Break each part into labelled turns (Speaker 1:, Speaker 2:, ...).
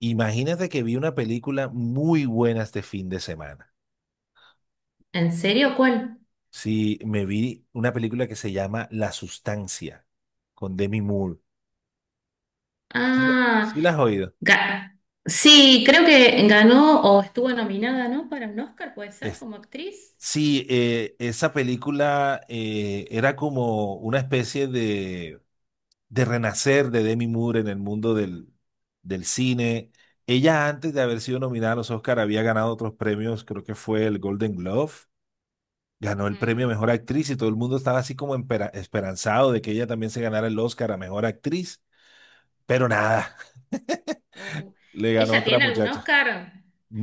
Speaker 1: Imagínate que vi una película muy buena este fin de semana.
Speaker 2: ¿En serio? ¿Cuál?
Speaker 1: Sí, me vi una película que se llama La Sustancia con Demi Moore. ¿Sí la,
Speaker 2: Ah,
Speaker 1: sí la has oído?
Speaker 2: ga- sí, creo que ganó o estuvo nominada, ¿no? Para un Oscar, puede ser,
Speaker 1: Es-
Speaker 2: como actriz.
Speaker 1: sí, esa película era como una especie de renacer de Demi Moore en el mundo del cine. Ella antes de haber sido nominada a los Oscar había ganado otros premios, creo que fue el Golden Globe, ganó el
Speaker 2: Ujú.
Speaker 1: premio a Mejor Actriz y todo el mundo estaba así como esperanzado de que ella también se ganara el Oscar a Mejor Actriz, pero nada.
Speaker 2: O-
Speaker 1: Le ganó
Speaker 2: ¿Ella
Speaker 1: otra
Speaker 2: tiene algún
Speaker 1: muchacha.
Speaker 2: Oscar?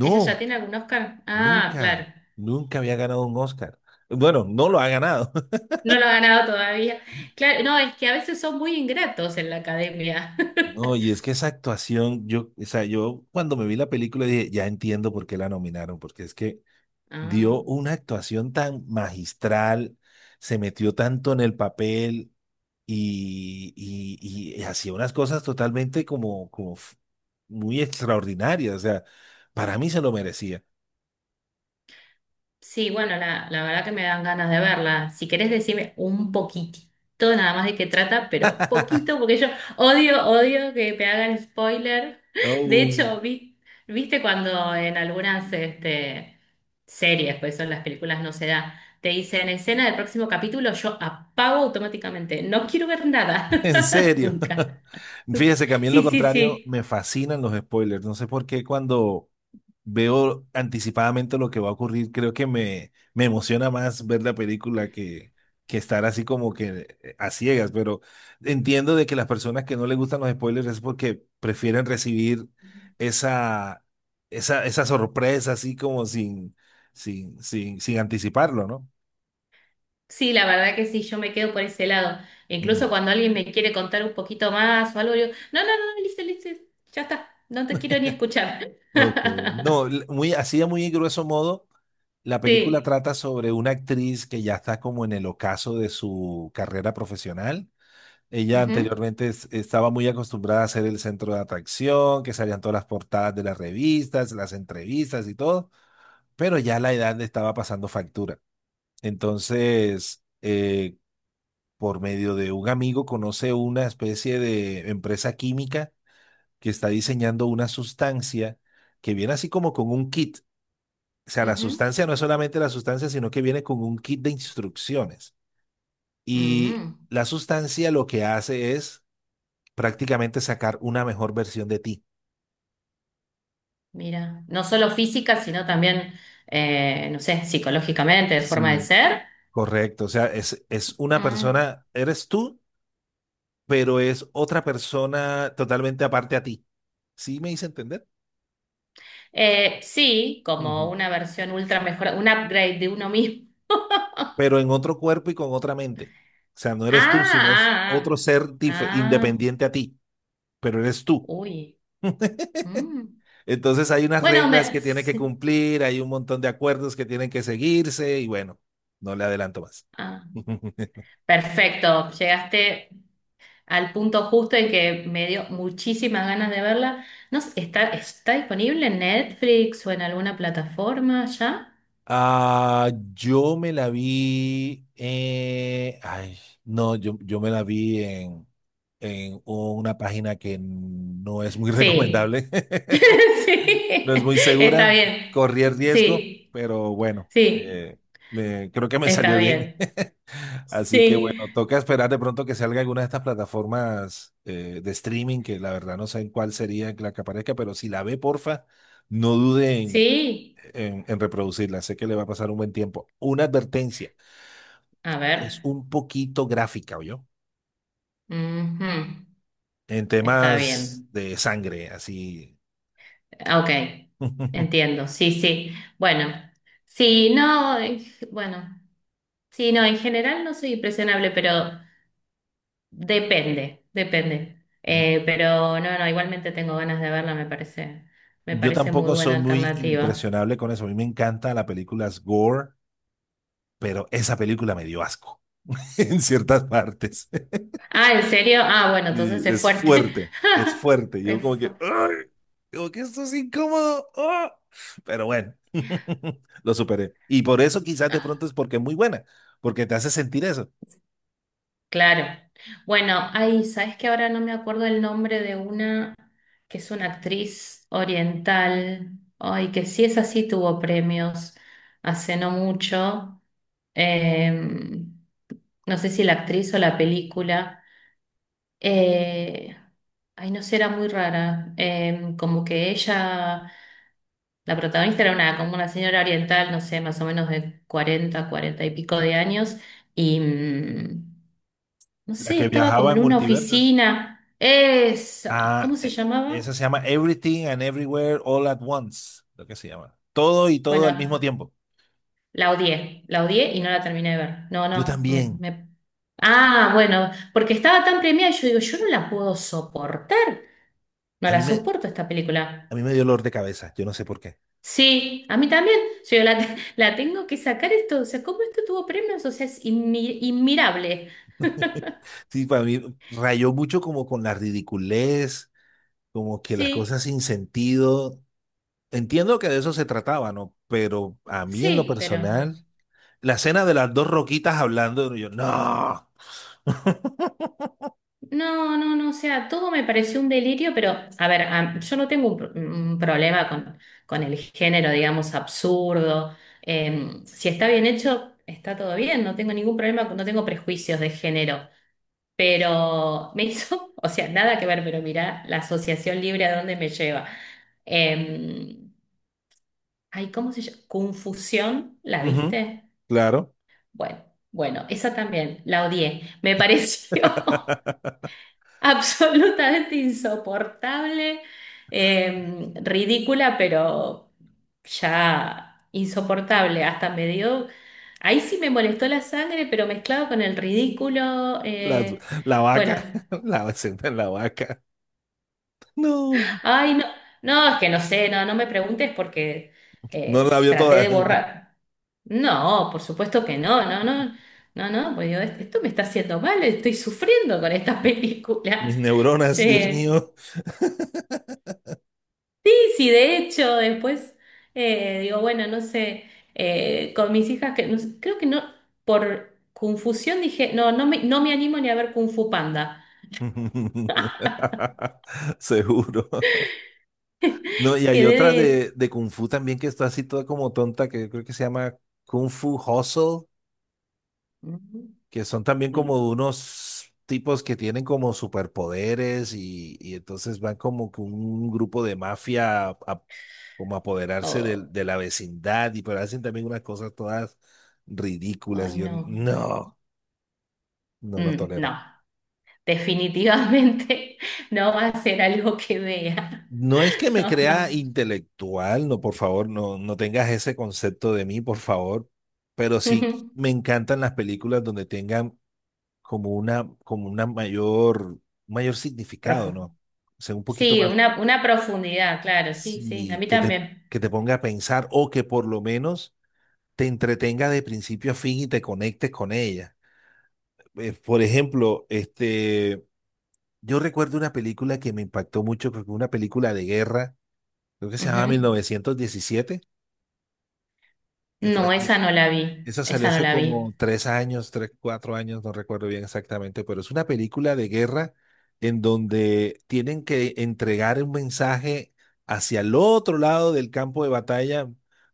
Speaker 2: ¿Ella ya tiene algún Oscar? Ah, claro.
Speaker 1: nunca, nunca había ganado un Oscar. Bueno, no lo ha ganado.
Speaker 2: No lo ha ganado todavía. Claro, no, es que a veces son muy ingratos en la academia.
Speaker 1: No, y es que esa actuación, yo, o sea, yo cuando me vi la película dije, ya entiendo por qué la nominaron, porque es que
Speaker 2: Ah.
Speaker 1: dio una actuación tan magistral, se metió tanto en el papel y hacía unas cosas totalmente como muy extraordinarias. O sea, para mí se lo merecía.
Speaker 2: Sí, bueno, la verdad que me dan ganas de verla. Si querés decirme un poquitito nada más de qué trata, pero poquito, porque yo odio, odio que me hagan spoiler. De
Speaker 1: Oh.
Speaker 2: hecho, viste cuando en algunas este, series, pues son las películas, no se da, te dicen escena del próximo capítulo, yo apago automáticamente. No quiero ver nada,
Speaker 1: En serio.
Speaker 2: nunca.
Speaker 1: Fíjese que a mí en lo
Speaker 2: Sí, sí,
Speaker 1: contrario
Speaker 2: sí.
Speaker 1: me fascinan los spoilers. No sé por qué cuando veo anticipadamente lo que va a ocurrir, creo que me emociona más ver la película que estar así como que a ciegas. Pero entiendo de que las personas que no les gustan los spoilers es porque prefieren recibir esa, esa sorpresa así como sin anticiparlo, ¿no?
Speaker 2: Sí, la verdad que sí, yo me quedo por ese lado. Incluso
Speaker 1: Mm.
Speaker 2: cuando alguien me quiere contar un poquito más o algo, yo, no, no, no, no, listo, listo, ya está, no te quiero ni escuchar.
Speaker 1: Ok. No, muy, así de muy grueso modo, la película
Speaker 2: Sí.
Speaker 1: trata sobre una actriz que ya está como en el ocaso de su carrera profesional. Ella
Speaker 2: Ujú,
Speaker 1: anteriormente estaba muy acostumbrada a ser el centro de atracción, que salían todas las portadas de las revistas, las entrevistas y todo, pero ya la edad le estaba pasando factura. Entonces, por medio de un amigo conoce una especie de empresa química que está diseñando una sustancia que viene así como con un kit. O sea, la
Speaker 2: ujú,
Speaker 1: sustancia no es solamente la sustancia, sino que viene con un kit de instrucciones.
Speaker 2: ujú.
Speaker 1: Y la sustancia lo que hace es prácticamente sacar una mejor versión de ti.
Speaker 2: Mira, no solo física, sino también, no sé, psicológicamente, de forma de
Speaker 1: Sí,
Speaker 2: ser.
Speaker 1: correcto, o sea, es una
Speaker 2: Mm.
Speaker 1: persona, eres tú, pero es otra persona totalmente aparte a ti. ¿Sí me hice entender?
Speaker 2: Sí, como
Speaker 1: Ujú.
Speaker 2: una versión ultra mejor, un upgrade de uno mismo.
Speaker 1: Pero en otro cuerpo y con otra mente. O sea, no eres tú, sino es
Speaker 2: Ah,
Speaker 1: otro ser
Speaker 2: ah, ah, ah, ah.
Speaker 1: independiente a ti, pero eres tú.
Speaker 2: Uy. Mm.
Speaker 1: Entonces hay unas
Speaker 2: Bueno,
Speaker 1: reglas
Speaker 2: me...
Speaker 1: que tiene que
Speaker 2: sí.
Speaker 1: cumplir, hay un montón de acuerdos que tienen que seguirse y bueno, no le adelanto más.
Speaker 2: Ah. Perfecto, llegaste al punto justo en que me dio muchísimas ganas de verla. No sé, ¿está, está disponible en Netflix o en alguna plataforma ya?
Speaker 1: Ah, yo me la vi, ay, no, yo me la vi en una página que no es muy
Speaker 2: Sí,
Speaker 1: recomendable,
Speaker 2: sí,
Speaker 1: no es muy
Speaker 2: está
Speaker 1: segura,
Speaker 2: bien.
Speaker 1: corrí el riesgo,
Speaker 2: Sí,
Speaker 1: pero bueno,
Speaker 2: sí,
Speaker 1: creo que me salió
Speaker 2: está
Speaker 1: bien.
Speaker 2: bien.
Speaker 1: Así que
Speaker 2: Sí,
Speaker 1: bueno, toca esperar de pronto que salga alguna de estas plataformas de streaming, que la verdad no sé en cuál sería la que aparezca, pero si la ve, porfa, no duden
Speaker 2: sí,
Speaker 1: en reproducirla. Sé que le va a pasar un buen tiempo. Una advertencia,
Speaker 2: a
Speaker 1: es
Speaker 2: ver.
Speaker 1: un poquito gráfica, yo,
Speaker 2: Ujú.
Speaker 1: en
Speaker 2: Está
Speaker 1: temas
Speaker 2: bien.
Speaker 1: de sangre, así.
Speaker 2: Ah, ok, entiendo, sí, sí. Bueno, sí, no, bueno. Sí, no, en general no soy impresionable, pero depende, depende. Pero no, no, igualmente tengo ganas de verla, me
Speaker 1: Yo
Speaker 2: parece muy
Speaker 1: tampoco soy
Speaker 2: buena
Speaker 1: muy
Speaker 2: alternativa.
Speaker 1: impresionable con eso. A mí me encanta las películas gore, pero esa película me dio asco en ciertas partes.
Speaker 2: Ah, ¿en serio? Ah, bueno,
Speaker 1: Sí,
Speaker 2: entonces es
Speaker 1: es
Speaker 2: fuerte.
Speaker 1: fuerte, es fuerte. Yo
Speaker 2: Es
Speaker 1: como que,
Speaker 2: fuerte.
Speaker 1: ¡ay! Como que esto es incómodo. ¡Ah! Pero bueno, lo superé. Y por eso quizás de pronto es porque es muy buena, porque te hace sentir eso.
Speaker 2: Claro. Bueno, ahí, ¿sabes que ahora no me acuerdo el nombre de una que es una actriz oriental? Ay, que sí es así, tuvo premios hace no mucho. Eh, no sé si la actriz o la película. Eh, Ay, no sé, era muy rara. Como que ella, la protagonista era una, como una señora oriental, no sé, más o menos de 40, 40 y pico de años. Y. No
Speaker 1: La
Speaker 2: sé,
Speaker 1: que
Speaker 2: estaba
Speaker 1: viajaba
Speaker 2: como
Speaker 1: en
Speaker 2: en una
Speaker 1: multiversos.
Speaker 2: oficina. Esa.
Speaker 1: Ah,
Speaker 2: ¿Cómo se
Speaker 1: esa
Speaker 2: llamaba?
Speaker 1: se llama Everything and Everywhere All at Once, lo que se llama. Todo y todo
Speaker 2: Bueno,
Speaker 1: al mismo tiempo.
Speaker 2: la odié. La odié y no la terminé de ver. No,
Speaker 1: Yo
Speaker 2: no.
Speaker 1: también.
Speaker 2: Ah, bueno, porque estaba tan premiada. Yo digo, yo no la puedo soportar. No
Speaker 1: A
Speaker 2: la
Speaker 1: mí me,
Speaker 2: soporto esta
Speaker 1: a
Speaker 2: película.
Speaker 1: mí me dio dolor de cabeza, yo no sé por qué.
Speaker 2: Sí, a mí también. La tengo que sacar esto. O sea, ¿cómo esto tuvo premios? O sea, es inmirable.
Speaker 1: Sí, para mí rayó mucho como con la ridiculez, como que las cosas
Speaker 2: Sí,
Speaker 1: sin sentido. Entiendo que de eso se trataba, ¿no? Pero a mí en lo
Speaker 2: sí, pero.
Speaker 1: personal, la escena de las dos roquitas hablando, yo, no.
Speaker 2: No, no, no, o sea, todo me pareció un delirio, pero a ver, yo no tengo un problema con el género, digamos, absurdo. Si está bien hecho, está todo bien, no tengo ningún problema, no tengo prejuicios de género. Pero me hizo, o sea, nada que ver, pero mirá la asociación libre a dónde me lleva. Eh, Ay, ¿cómo se llama? Confusión, ¿la
Speaker 1: Ujú.
Speaker 2: viste?
Speaker 1: Claro.
Speaker 2: Bueno, bueno, esa también, la odié, me pareció. absolutamente insoportable, ridícula, pero ya insoportable. Hasta me dio, ahí sí me molestó la sangre, pero mezclado con el ridículo.
Speaker 1: La, la vaca,
Speaker 2: Bueno,
Speaker 1: la escena de la vaca. No,
Speaker 2: ay, no, no, es que no sé, no, no me preguntes porque
Speaker 1: no la vio
Speaker 2: traté
Speaker 1: toda.
Speaker 2: de borrar. No, por supuesto que no, no, no, no, no, pues digo, esto me está haciendo mal, estoy sufriendo con esta
Speaker 1: Mis
Speaker 2: película.
Speaker 1: neuronas, Dios
Speaker 2: Eh,
Speaker 1: mío.
Speaker 2: Sí, de hecho, después digo, bueno, no sé, con mis hijas, que no sé, creo que no, por confusión dije, no, no me, no me animo ni a ver Kung Fu Panda.
Speaker 1: Seguro. No, y hay
Speaker 2: Quedé
Speaker 1: otra
Speaker 2: de...
Speaker 1: de Kung Fu también que está así toda como tonta, que creo que se llama Kung Fu Hustle,
Speaker 2: mm,
Speaker 1: que son también
Speaker 2: mm,
Speaker 1: como unos tipos que tienen como superpoderes y entonces van como que un grupo de mafia a como a apoderarse
Speaker 2: oh,
Speaker 1: la vecindad y pero hacen también unas cosas todas ridículas y
Speaker 2: ay,
Speaker 1: yo
Speaker 2: no.
Speaker 1: no, no lo
Speaker 2: Mm, no,
Speaker 1: tolero.
Speaker 2: definitivamente no va a ser algo que vea.
Speaker 1: No es que me
Speaker 2: No,
Speaker 1: crea
Speaker 2: no.
Speaker 1: intelectual, no, por favor, no, no tengas ese concepto de mí, por favor, pero sí
Speaker 2: Ujú.
Speaker 1: me encantan las películas donde tengan como una mayor significado,
Speaker 2: Profu-
Speaker 1: ¿no? O sea, un poquito
Speaker 2: Sí,
Speaker 1: más.
Speaker 2: una profundidad, claro, sí, sí, a
Speaker 1: Sí,
Speaker 2: mí
Speaker 1: que te,
Speaker 2: también.
Speaker 1: que te ponga a pensar o que por lo menos te entretenga de principio a fin y te conectes con ella. Por ejemplo, este, yo recuerdo una película que me impactó mucho, creo que fue una película de guerra, creo que se llamaba
Speaker 2: Ujú.
Speaker 1: 1917, que fue-
Speaker 2: No, esa no la vi,
Speaker 1: esa salió
Speaker 2: esa no
Speaker 1: hace
Speaker 2: la vi.
Speaker 1: como 3 años, tres, 4 años, no recuerdo bien exactamente, pero es una película de guerra en donde tienen que entregar un mensaje hacia el otro lado del campo de batalla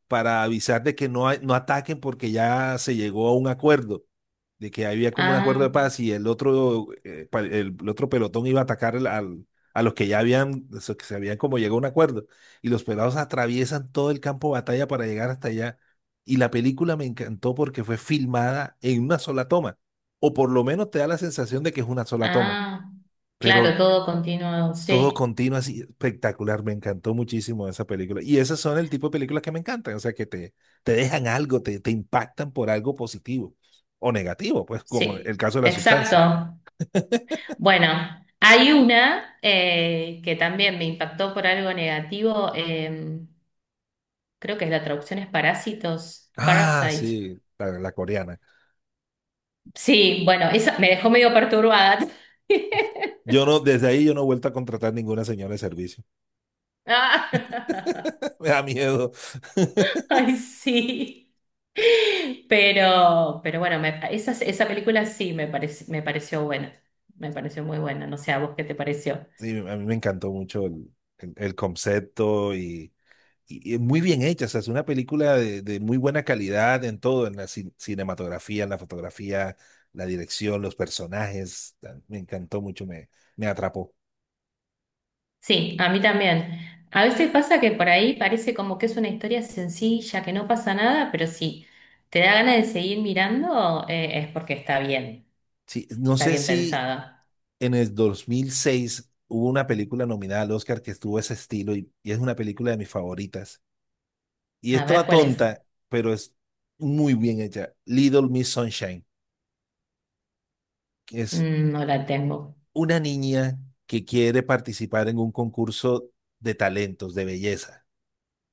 Speaker 1: para avisar de que no, no ataquen porque ya se llegó a un acuerdo, de que había como un acuerdo de
Speaker 2: Ah.
Speaker 1: paz y el otro, el otro pelotón iba a atacar a los que ya habían, o sea, que se habían como llegado a un acuerdo. Y los pelados atraviesan todo el campo de batalla para llegar hasta allá y la película me encantó porque fue filmada en una sola toma, o por lo menos te da la sensación de que es una sola toma,
Speaker 2: Ah, claro,
Speaker 1: pero
Speaker 2: todo continuo,
Speaker 1: todo
Speaker 2: sí,
Speaker 1: continuo, así espectacular. Me encantó muchísimo esa película. Y esas son el tipo de películas que me encantan, o sea, que te dejan algo, te impactan por algo positivo o negativo, pues como
Speaker 2: sí,
Speaker 1: el caso de la sustancia.
Speaker 2: exacto. Bueno, hay una que también me impactó por algo negativo, creo que la traducción es parásitos,
Speaker 1: Ah,
Speaker 2: parasite.
Speaker 1: sí, la coreana.
Speaker 2: Sí, bueno, esa me dejó medio perturbada.
Speaker 1: Yo no, desde ahí yo no he vuelto a contratar ninguna señora de servicio.
Speaker 2: Ah.
Speaker 1: Me da miedo.
Speaker 2: Ay, sí. Pero bueno, esa, esa película sí me pareció buena. Me pareció muy buena. No sé a vos qué te pareció.
Speaker 1: Sí, a mí me encantó mucho el concepto y muy bien hecha. O sea, es una película de muy buena calidad en todo, en la cinematografía, en la fotografía, la dirección, los personajes. Ah, me encantó mucho, me atrapó.
Speaker 2: Sí, a mí también. A veces pasa que por ahí parece como que es una historia sencilla, que no pasa nada, pero sí, te da ganas de seguir mirando, es porque
Speaker 1: Sí, no
Speaker 2: está
Speaker 1: sé
Speaker 2: bien
Speaker 1: si
Speaker 2: pensada.
Speaker 1: en el 2006 hubo una película nominada al Oscar que estuvo ese estilo y es una película de mis favoritas. Y es
Speaker 2: A ver
Speaker 1: toda
Speaker 2: cuál es.
Speaker 1: tonta, pero es muy bien hecha. Little Miss Sunshine, que es
Speaker 2: Mm, no la tengo.
Speaker 1: una niña que quiere participar en un concurso de talentos, de belleza.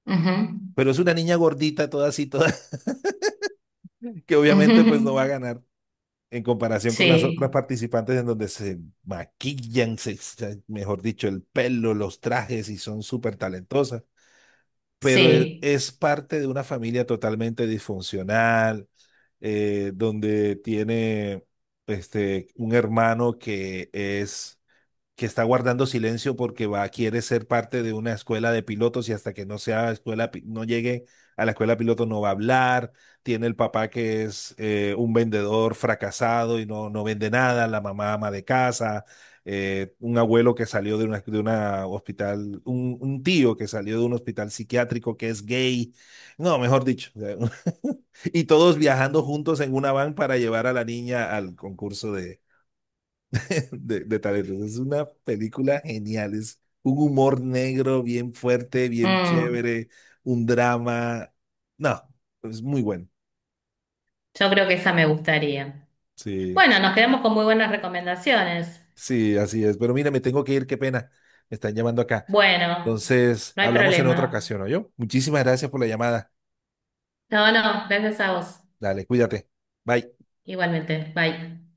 Speaker 2: Ujú,
Speaker 1: Pero es una niña gordita, toda así, toda, que obviamente pues no va a
Speaker 2: ujú.
Speaker 1: ganar en comparación con las otras
Speaker 2: Sí,
Speaker 1: participantes en donde se maquillan, mejor dicho, el pelo, los trajes y son súper talentosas. Pero
Speaker 2: sí.
Speaker 1: es parte de una familia totalmente disfuncional, donde tiene este, un hermano que está guardando silencio porque va, quiere ser parte de una escuela de pilotos y hasta que no sea no llegue a la escuela de pilotos no va a hablar. Tiene el papá que es un vendedor fracasado y no, no vende nada, la mamá ama de casa, un abuelo que salió de una hospital, un tío que salió de un hospital psiquiátrico que es gay. No, mejor dicho, o sea, y todos viajando juntos en una van para llevar a la niña al concurso de talentos. Es una película genial, es un humor negro bien fuerte, bien
Speaker 2: Mm,
Speaker 1: chévere, un drama. No, es muy bueno.
Speaker 2: yo creo que esa me gustaría.
Speaker 1: Sí,
Speaker 2: Bueno, nos quedamos con muy buenas recomendaciones.
Speaker 1: sí, así es. Pero mira, me tengo que ir, qué pena. Me están llamando acá.
Speaker 2: Bueno,
Speaker 1: Entonces,
Speaker 2: no hay
Speaker 1: hablamos en otra
Speaker 2: problema.
Speaker 1: ocasión, ¿oyó? Muchísimas gracias por la llamada.
Speaker 2: No, no, gracias a vos.
Speaker 1: Dale, cuídate. Bye.
Speaker 2: Igualmente. Bye.